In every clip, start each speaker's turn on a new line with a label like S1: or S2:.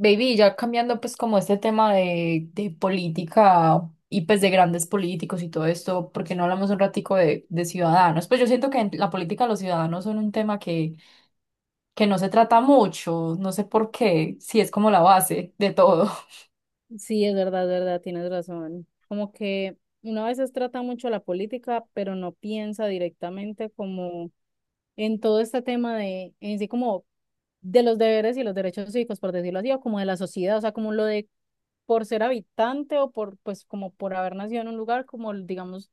S1: Baby, ya cambiando pues como este tema de política y pues de grandes políticos y todo esto, ¿porque no hablamos un ratico de ciudadanos? Pues yo siento que en la política los ciudadanos son un tema que no se trata mucho, no sé por qué, si es como la base de todo.
S2: Sí, es verdad, tienes razón. Como que uno a veces trata mucho la política, pero no piensa directamente como en todo este tema en sí como de los deberes y los derechos cívicos, por decirlo así, o como de la sociedad, o sea, como lo de por ser habitante o por, pues, como por haber nacido en un lugar, como, digamos,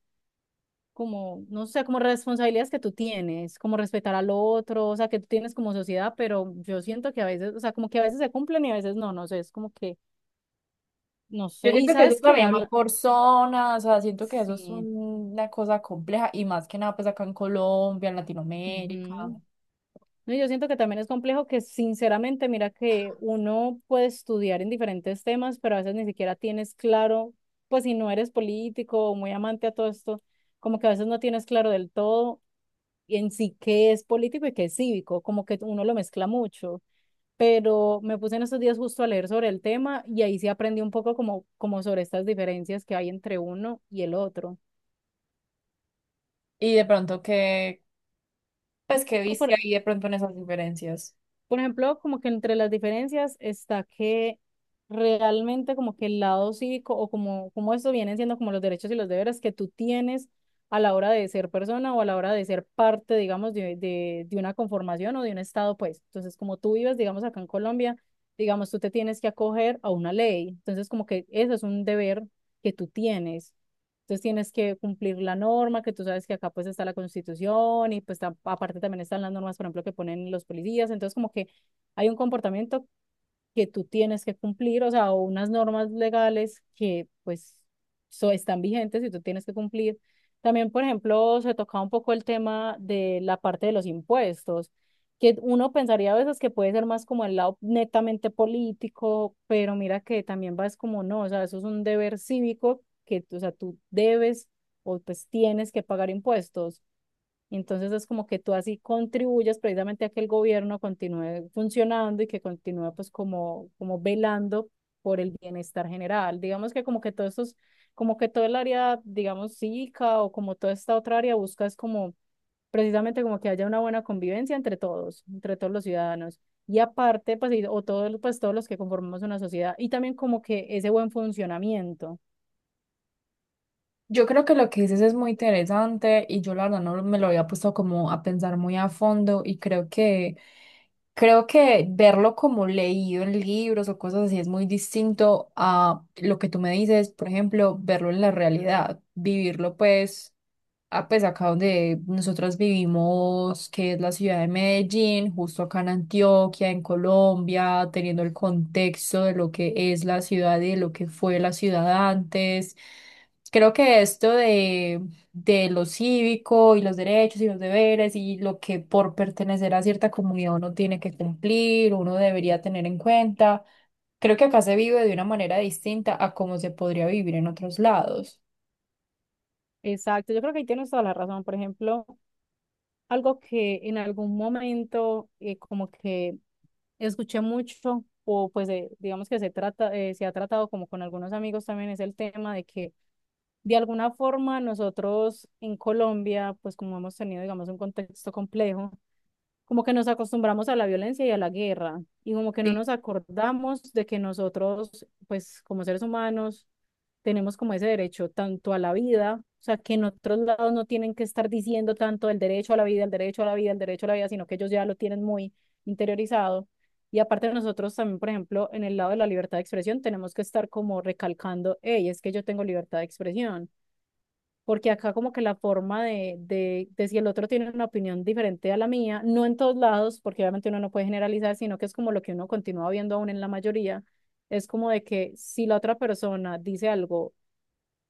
S2: como, no sé, como responsabilidades que tú tienes, como respetar al otro, o sea, que tú tienes como sociedad, pero yo siento que a veces, o sea, como que a veces se cumplen y a veces no, no sé, es como que, no
S1: Yo
S2: sé, y
S1: siento que eso
S2: sabes que
S1: también va por zonas, o sea, siento que
S2: sí.
S1: una cosa compleja y más que nada pues acá en Colombia, en Latinoamérica
S2: Ujú. No, yo siento que también es complejo que sinceramente, mira que uno puede estudiar en diferentes temas, pero a veces ni siquiera tienes claro, pues si no eres político o muy amante a todo esto, como que a veces no tienes claro del todo en sí qué es político y qué es cívico, como que uno lo mezcla mucho. Pero me puse en estos días justo a leer sobre el tema y ahí sí aprendí un poco como, como sobre estas diferencias que hay entre uno y el otro.
S1: y de pronto que, pues que
S2: Pues
S1: viste
S2: por-
S1: ahí de pronto en esas diferencias.
S2: Por ejemplo, como que entre las diferencias está que realmente como que el lado cívico o como, como esto vienen siendo como los derechos y los deberes que tú tienes a la hora de ser persona o a la hora de ser parte, digamos, de una conformación o de un estado, pues. Entonces, como tú vives, digamos, acá en Colombia, digamos, tú te tienes que acoger a una ley. Entonces, como que eso es un deber que tú tienes. Entonces tienes que cumplir la norma, que tú sabes que acá pues está la Constitución y pues aparte también están las normas, por ejemplo, que ponen los policías. Entonces como que hay un comportamiento que tú tienes que cumplir, o sea, o unas normas legales que pues so, están vigentes y tú tienes que cumplir. También, por ejemplo, se tocaba un poco el tema de la parte de los impuestos, que uno pensaría a veces que puede ser más como el lado netamente político, pero mira que también va es como no, o sea, eso es un deber cívico que, o sea, tú debes o pues tienes que pagar impuestos. Entonces es como que tú así contribuyes precisamente a que el gobierno continúe funcionando y que continúe pues como, como velando por el bienestar general. Digamos que como que todos estos, como que todo el área, digamos, cívica o como toda esta otra área busca es como precisamente como que haya una buena convivencia entre todos los ciudadanos. Y aparte, pues, o todos, pues, todos los que conformamos una sociedad y también como que ese buen funcionamiento.
S1: Yo creo que lo que dices es muy interesante y yo la verdad no me lo había puesto como a pensar muy a fondo y creo que verlo como leído en libros o cosas así es muy distinto a lo que tú me dices, por ejemplo, verlo en la realidad, vivirlo pues a pues acá donde nosotras vivimos, que es la ciudad de Medellín, justo acá en Antioquia, en Colombia, teniendo el contexto de lo que es la ciudad y de lo que fue la ciudad antes. Creo que esto de lo cívico y los derechos y los deberes y lo que por pertenecer a cierta comunidad uno tiene que cumplir, uno debería tener en cuenta, creo que acá se vive de una manera distinta a cómo se podría vivir en otros lados.
S2: Exacto, yo creo que ahí tienes toda la razón. Por ejemplo, algo que en algún momento como que escuché mucho, o pues digamos que se trata, se ha tratado como con algunos amigos también, es el tema de que de alguna forma nosotros en Colombia, pues como hemos tenido, digamos, un contexto complejo, como que nos acostumbramos a la violencia y a la guerra, y como que no nos acordamos de que nosotros, pues como seres humanos, tenemos como ese derecho tanto a la vida, o sea, que en otros lados no tienen que estar diciendo tanto el derecho a la vida, el derecho a la vida, el derecho a la vida, sino que ellos ya lo tienen muy interiorizado. Y aparte de nosotros también, por ejemplo, en el lado de la libertad de expresión, tenemos que estar como recalcando, hey, es que yo tengo libertad de expresión porque acá como que la forma de si el otro tiene una opinión diferente a la mía, no en todos lados, porque obviamente uno no puede generalizar, sino que es como lo que uno continúa viendo aún en la mayoría, es como de que si la otra persona dice algo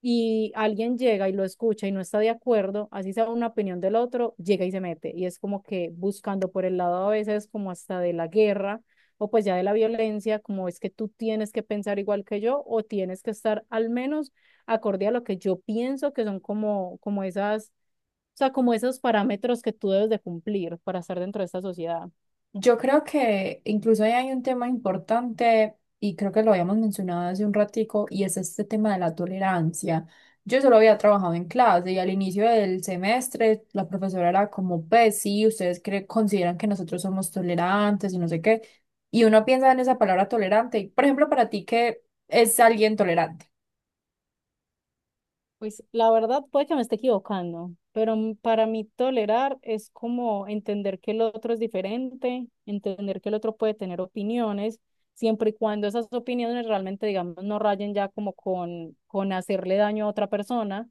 S2: y alguien llega y lo escucha y no está de acuerdo, así sea una opinión del otro, llega y se mete. Y es como que buscando por el lado a veces como hasta de la guerra o pues ya de la violencia, como es que tú tienes que pensar igual que yo o tienes que estar al menos acorde a lo que yo pienso que son como, como esas, o sea, como esos parámetros que tú debes de cumplir para estar dentro de esta sociedad.
S1: Yo creo que incluso ahí hay un tema importante y creo que lo habíamos mencionado hace un ratico y es este tema de la tolerancia. Yo solo había trabajado en clase y al inicio del semestre la profesora era como, pues sí, ustedes consideran que nosotros somos tolerantes y no sé qué. Y uno piensa en esa palabra tolerante. Y, por ejemplo, para ti, ¿qué es alguien tolerante?
S2: Pues la verdad puede que me esté equivocando, pero para mí tolerar es como entender que el otro es diferente, entender que el otro puede tener opiniones, siempre y cuando esas opiniones realmente, digamos, no rayen ya como con hacerle daño a otra persona,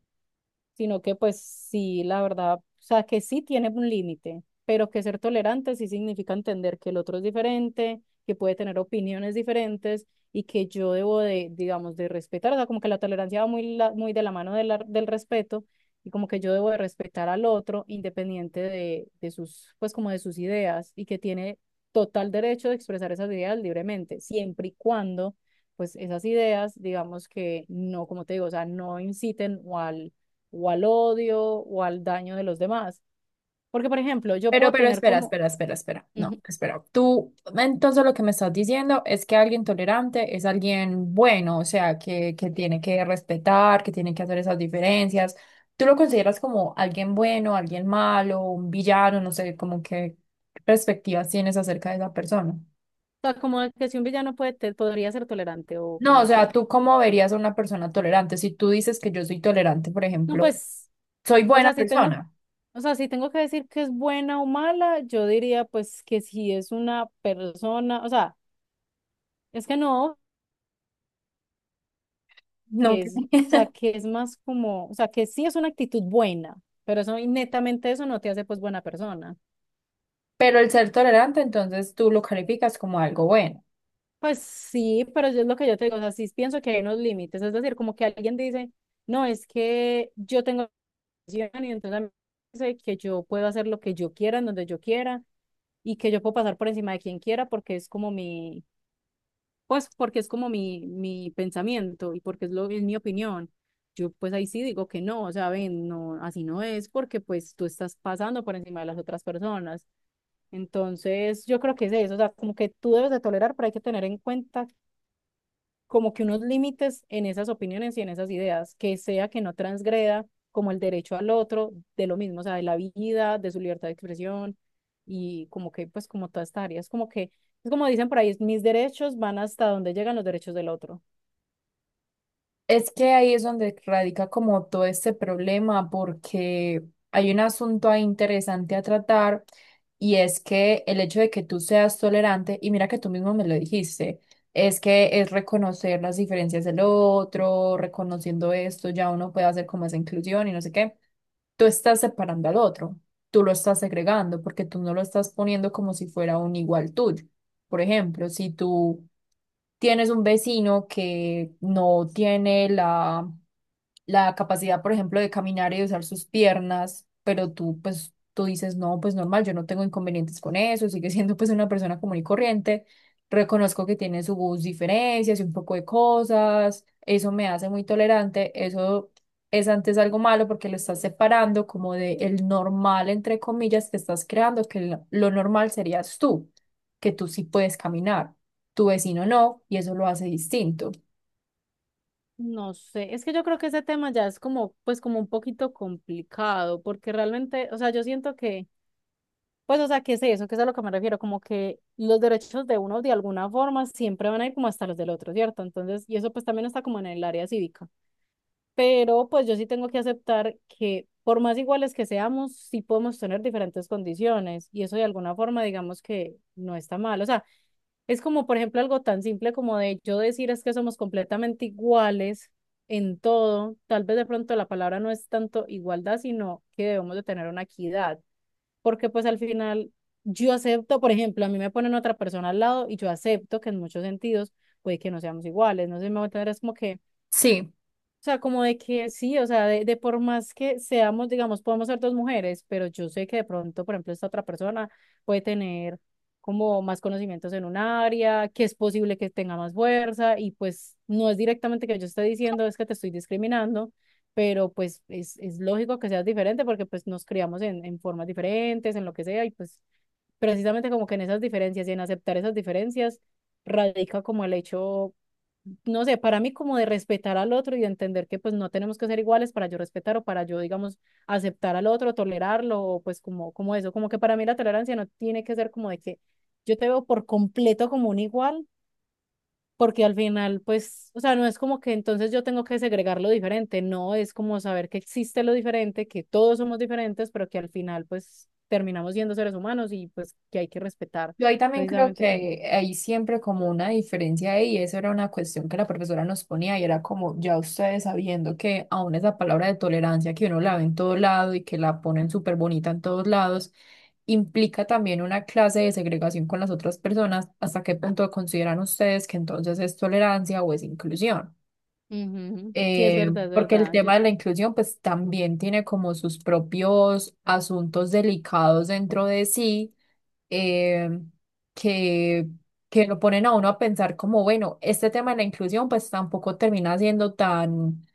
S2: sino que pues sí, la verdad, o sea, que sí tiene un límite, pero que ser tolerante sí significa entender que el otro es diferente, que puede tener opiniones diferentes y que yo debo de, digamos, de respetar, o sea, como que la tolerancia va muy, muy de la mano de del respeto y como que yo debo de respetar al otro independiente de sus, pues como de sus ideas y que tiene total derecho de expresar esas ideas libremente, siempre y cuando, pues esas ideas, digamos que no, como te digo, o sea, no inciten o al odio o al daño de los demás. Porque, por ejemplo, yo
S1: Pero,
S2: puedo
S1: pero
S2: tener
S1: espera,
S2: como,
S1: espera, espera, espera.
S2: ujú.
S1: No,
S2: O
S1: espera. Tú, entonces lo que me estás diciendo es que alguien tolerante es alguien bueno, o sea, que tiene que respetar, que tiene que hacer esas diferencias. ¿Tú lo consideras como alguien bueno, alguien malo, un villano? No sé, como que qué perspectivas tienes acerca de esa persona.
S2: sea, como que si un villano puede, podría ser tolerante o
S1: No,
S2: como
S1: o
S2: así.
S1: sea, ¿tú cómo verías a una persona tolerante? Si tú dices que yo soy tolerante, por
S2: No,
S1: ejemplo,
S2: pues,
S1: soy
S2: o
S1: buena
S2: sea, si tengo,
S1: persona,
S2: o sea, si tengo que decir que es buena o mala, yo diría pues que si es una persona, o sea, es que no,
S1: no,
S2: que es, o sea, que es más como, o sea, que sí es una actitud buena, pero eso y netamente eso no te hace pues buena persona.
S1: pero el ser tolerante, entonces tú lo calificas como algo bueno.
S2: Pues sí, pero yo es lo que yo te digo, o sea, sí pienso que hay unos límites, es decir, como que alguien dice, no, es que yo tengo depresión y entonces a mí me dice que yo puedo hacer lo que yo quiera, en donde yo quiera, y que yo puedo pasar por encima de quien quiera porque es como mi, pues porque es como mi pensamiento y porque es lo, es mi opinión. Yo pues ahí sí digo que no, o sea, ven, no, así no es porque pues tú estás pasando por encima de las otras personas. Entonces, yo creo que es eso, o sea, como que tú debes de tolerar, pero hay que tener en cuenta como que unos límites en esas opiniones y en esas ideas, que sea que no transgreda como el derecho al otro, de lo mismo, o sea, de la vida, de su libertad de expresión y como que, pues, como toda esta área, es como que, es como dicen por ahí, mis derechos van hasta donde llegan los derechos del otro.
S1: Es que ahí es donde radica como todo este problema, porque hay un asunto ahí interesante a tratar y es que el hecho de que tú seas tolerante, y mira que tú mismo me lo dijiste, es que es reconocer las diferencias del otro, reconociendo esto, ya uno puede hacer como esa inclusión y no sé qué. Tú estás separando al otro, tú lo estás segregando porque tú no lo estás poniendo como si fuera un igual tuyo. Por ejemplo, si tú tienes un vecino que no tiene la capacidad, por ejemplo, de caminar y de usar sus piernas, pero tú, pues, tú dices, no, pues normal, yo no tengo inconvenientes con eso, sigue siendo pues una persona común y corriente, reconozco que tiene sus diferencias y un poco de cosas, eso me hace muy tolerante, eso es antes algo malo porque lo estás separando como de el normal, entre comillas, que estás creando, que lo normal serías tú, que tú sí puedes caminar, tu vecino no, y eso lo hace distinto.
S2: No sé, es que yo creo que ese tema ya es como, pues, como un poquito complicado, porque realmente, o sea, yo siento que pues, o sea, ¿qué es eso? ¿Qué es a lo que me refiero? Como que los derechos de uno de alguna forma siempre van a ir como hasta los del otro, ¿cierto? Entonces, y eso pues también está como en el área cívica. Pero pues yo sí tengo que aceptar que por más iguales que seamos, sí podemos tener diferentes condiciones y eso de alguna forma digamos que no está mal. O sea, es como por ejemplo algo tan simple como de yo decir es que somos completamente iguales en todo. Tal vez de pronto la palabra no es tanto igualdad, sino que debemos de tener una equidad porque pues al final yo acepto, por ejemplo, a mí me ponen otra persona al lado y yo acepto que en muchos sentidos puede que no seamos iguales, no sé si me voy a entender, es como que
S1: Sí.
S2: o sea, como de que sí, o sea, de por más que seamos, digamos, podemos ser dos mujeres, pero yo sé que de pronto, por ejemplo, esta otra persona puede tener como más conocimientos en un área, que es posible que tenga más fuerza y pues no es directamente que yo esté diciendo es que te estoy discriminando, pero pues es lógico que seas diferente porque pues nos criamos en formas diferentes, en lo que sea y pues precisamente como que en esas diferencias y en aceptar esas diferencias radica como el hecho, no sé, para mí como de respetar al otro y de entender que pues no tenemos que ser iguales para yo respetar o para yo, digamos, aceptar al otro, tolerarlo, o pues como, como eso, como que para mí la tolerancia no tiene que ser como de que yo te veo por completo como un igual, porque al final pues, o sea, no es como que entonces yo tengo que segregar lo diferente, no, es como saber que existe lo diferente, que todos somos diferentes, pero que al final pues terminamos siendo seres humanos y pues que hay que respetar
S1: Yo ahí también creo
S2: precisamente como...
S1: que hay siempre como una diferencia ahí, y eso era una cuestión que la profesora nos ponía y era como ya ustedes sabiendo que aún esa palabra de tolerancia que uno la ve en todo lado y que la ponen súper bonita en todos lados, implica también una clase de segregación con las otras personas, ¿hasta qué punto consideran ustedes que entonces es tolerancia o es inclusión?
S2: Ujú. Sí, es verdad, es
S1: Porque el
S2: verdad. Yo,
S1: tema de la inclusión pues también tiene como sus propios asuntos delicados dentro de sí, eh, que, que lo ponen a uno a pensar como, bueno, este tema de la inclusión pues tampoco termina siendo tan,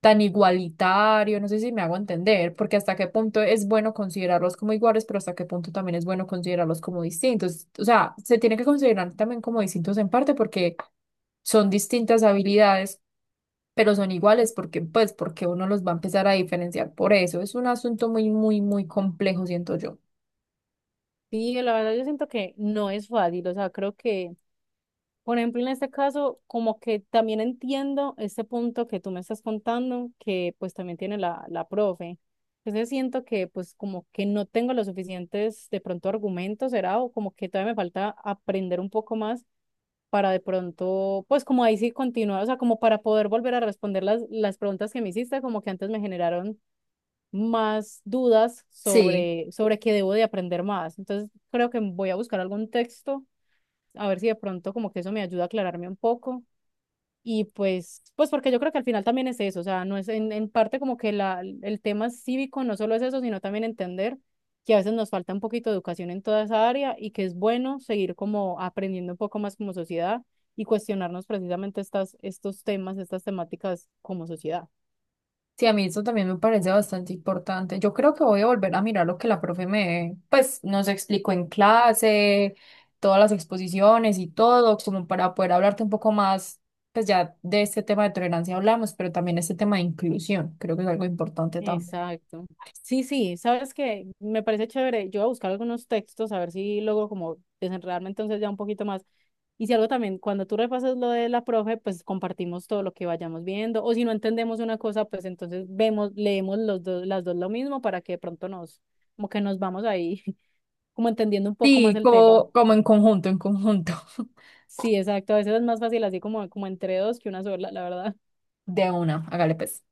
S1: tan igualitario, no sé si me hago entender, porque hasta qué punto es bueno considerarlos como iguales, pero hasta qué punto también es bueno considerarlos como distintos. O sea, se tiene que considerar también como distintos en parte porque son distintas habilidades. Pero son iguales porque pues porque uno los va a empezar a diferenciar por eso. Es un asunto muy complejo, siento yo.
S2: sí, la verdad yo siento que no es fácil, o sea, creo que, por ejemplo, en este caso, como que también entiendo este punto que tú me estás contando, que pues también tiene la profe. Entonces siento que pues como que no tengo los suficientes de pronto argumentos, será, o como que todavía me falta aprender un poco más para de pronto, pues como ahí sí continuar, o sea, como para poder volver a responder las preguntas que me hiciste, como que antes me generaron más dudas
S1: Sí.
S2: sobre, sobre qué debo de aprender más. Entonces, creo que voy a buscar algún texto, a ver si de pronto como que eso me ayuda a aclararme un poco. Y pues, pues porque yo creo que al final también es eso, o sea, no es en parte como que la, el tema cívico no solo es eso, sino también entender que a veces nos falta un poquito de educación en toda esa área y que es bueno seguir como aprendiendo un poco más como sociedad y cuestionarnos precisamente estas, estos temas, estas temáticas como sociedad.
S1: Sí, a mí eso también me parece bastante importante. Yo creo que voy a volver a mirar lo que la profe me, pues, nos explicó en clase, todas las exposiciones y todo, como para poder hablarte un poco más, pues ya de este tema de tolerancia hablamos, pero también este tema de inclusión, creo que es algo importante también.
S2: Exacto. Sí, sí, sabes que me parece chévere. Yo voy a buscar algunos textos a ver si logro como desenredarme entonces ya un poquito más. Y si algo también, cuando tú repases lo de la profe, pues compartimos todo lo que vayamos viendo. O si no entendemos una cosa, pues entonces vemos, leemos los dos, las dos lo mismo para que de pronto nos, como que nos vamos ahí, como entendiendo un poco más
S1: Sí,
S2: el tema.
S1: como, como en conjunto, en conjunto.
S2: Sí, exacto. A veces es más fácil así como, como entre dos que una sola, la verdad.
S1: De una, hágale pues.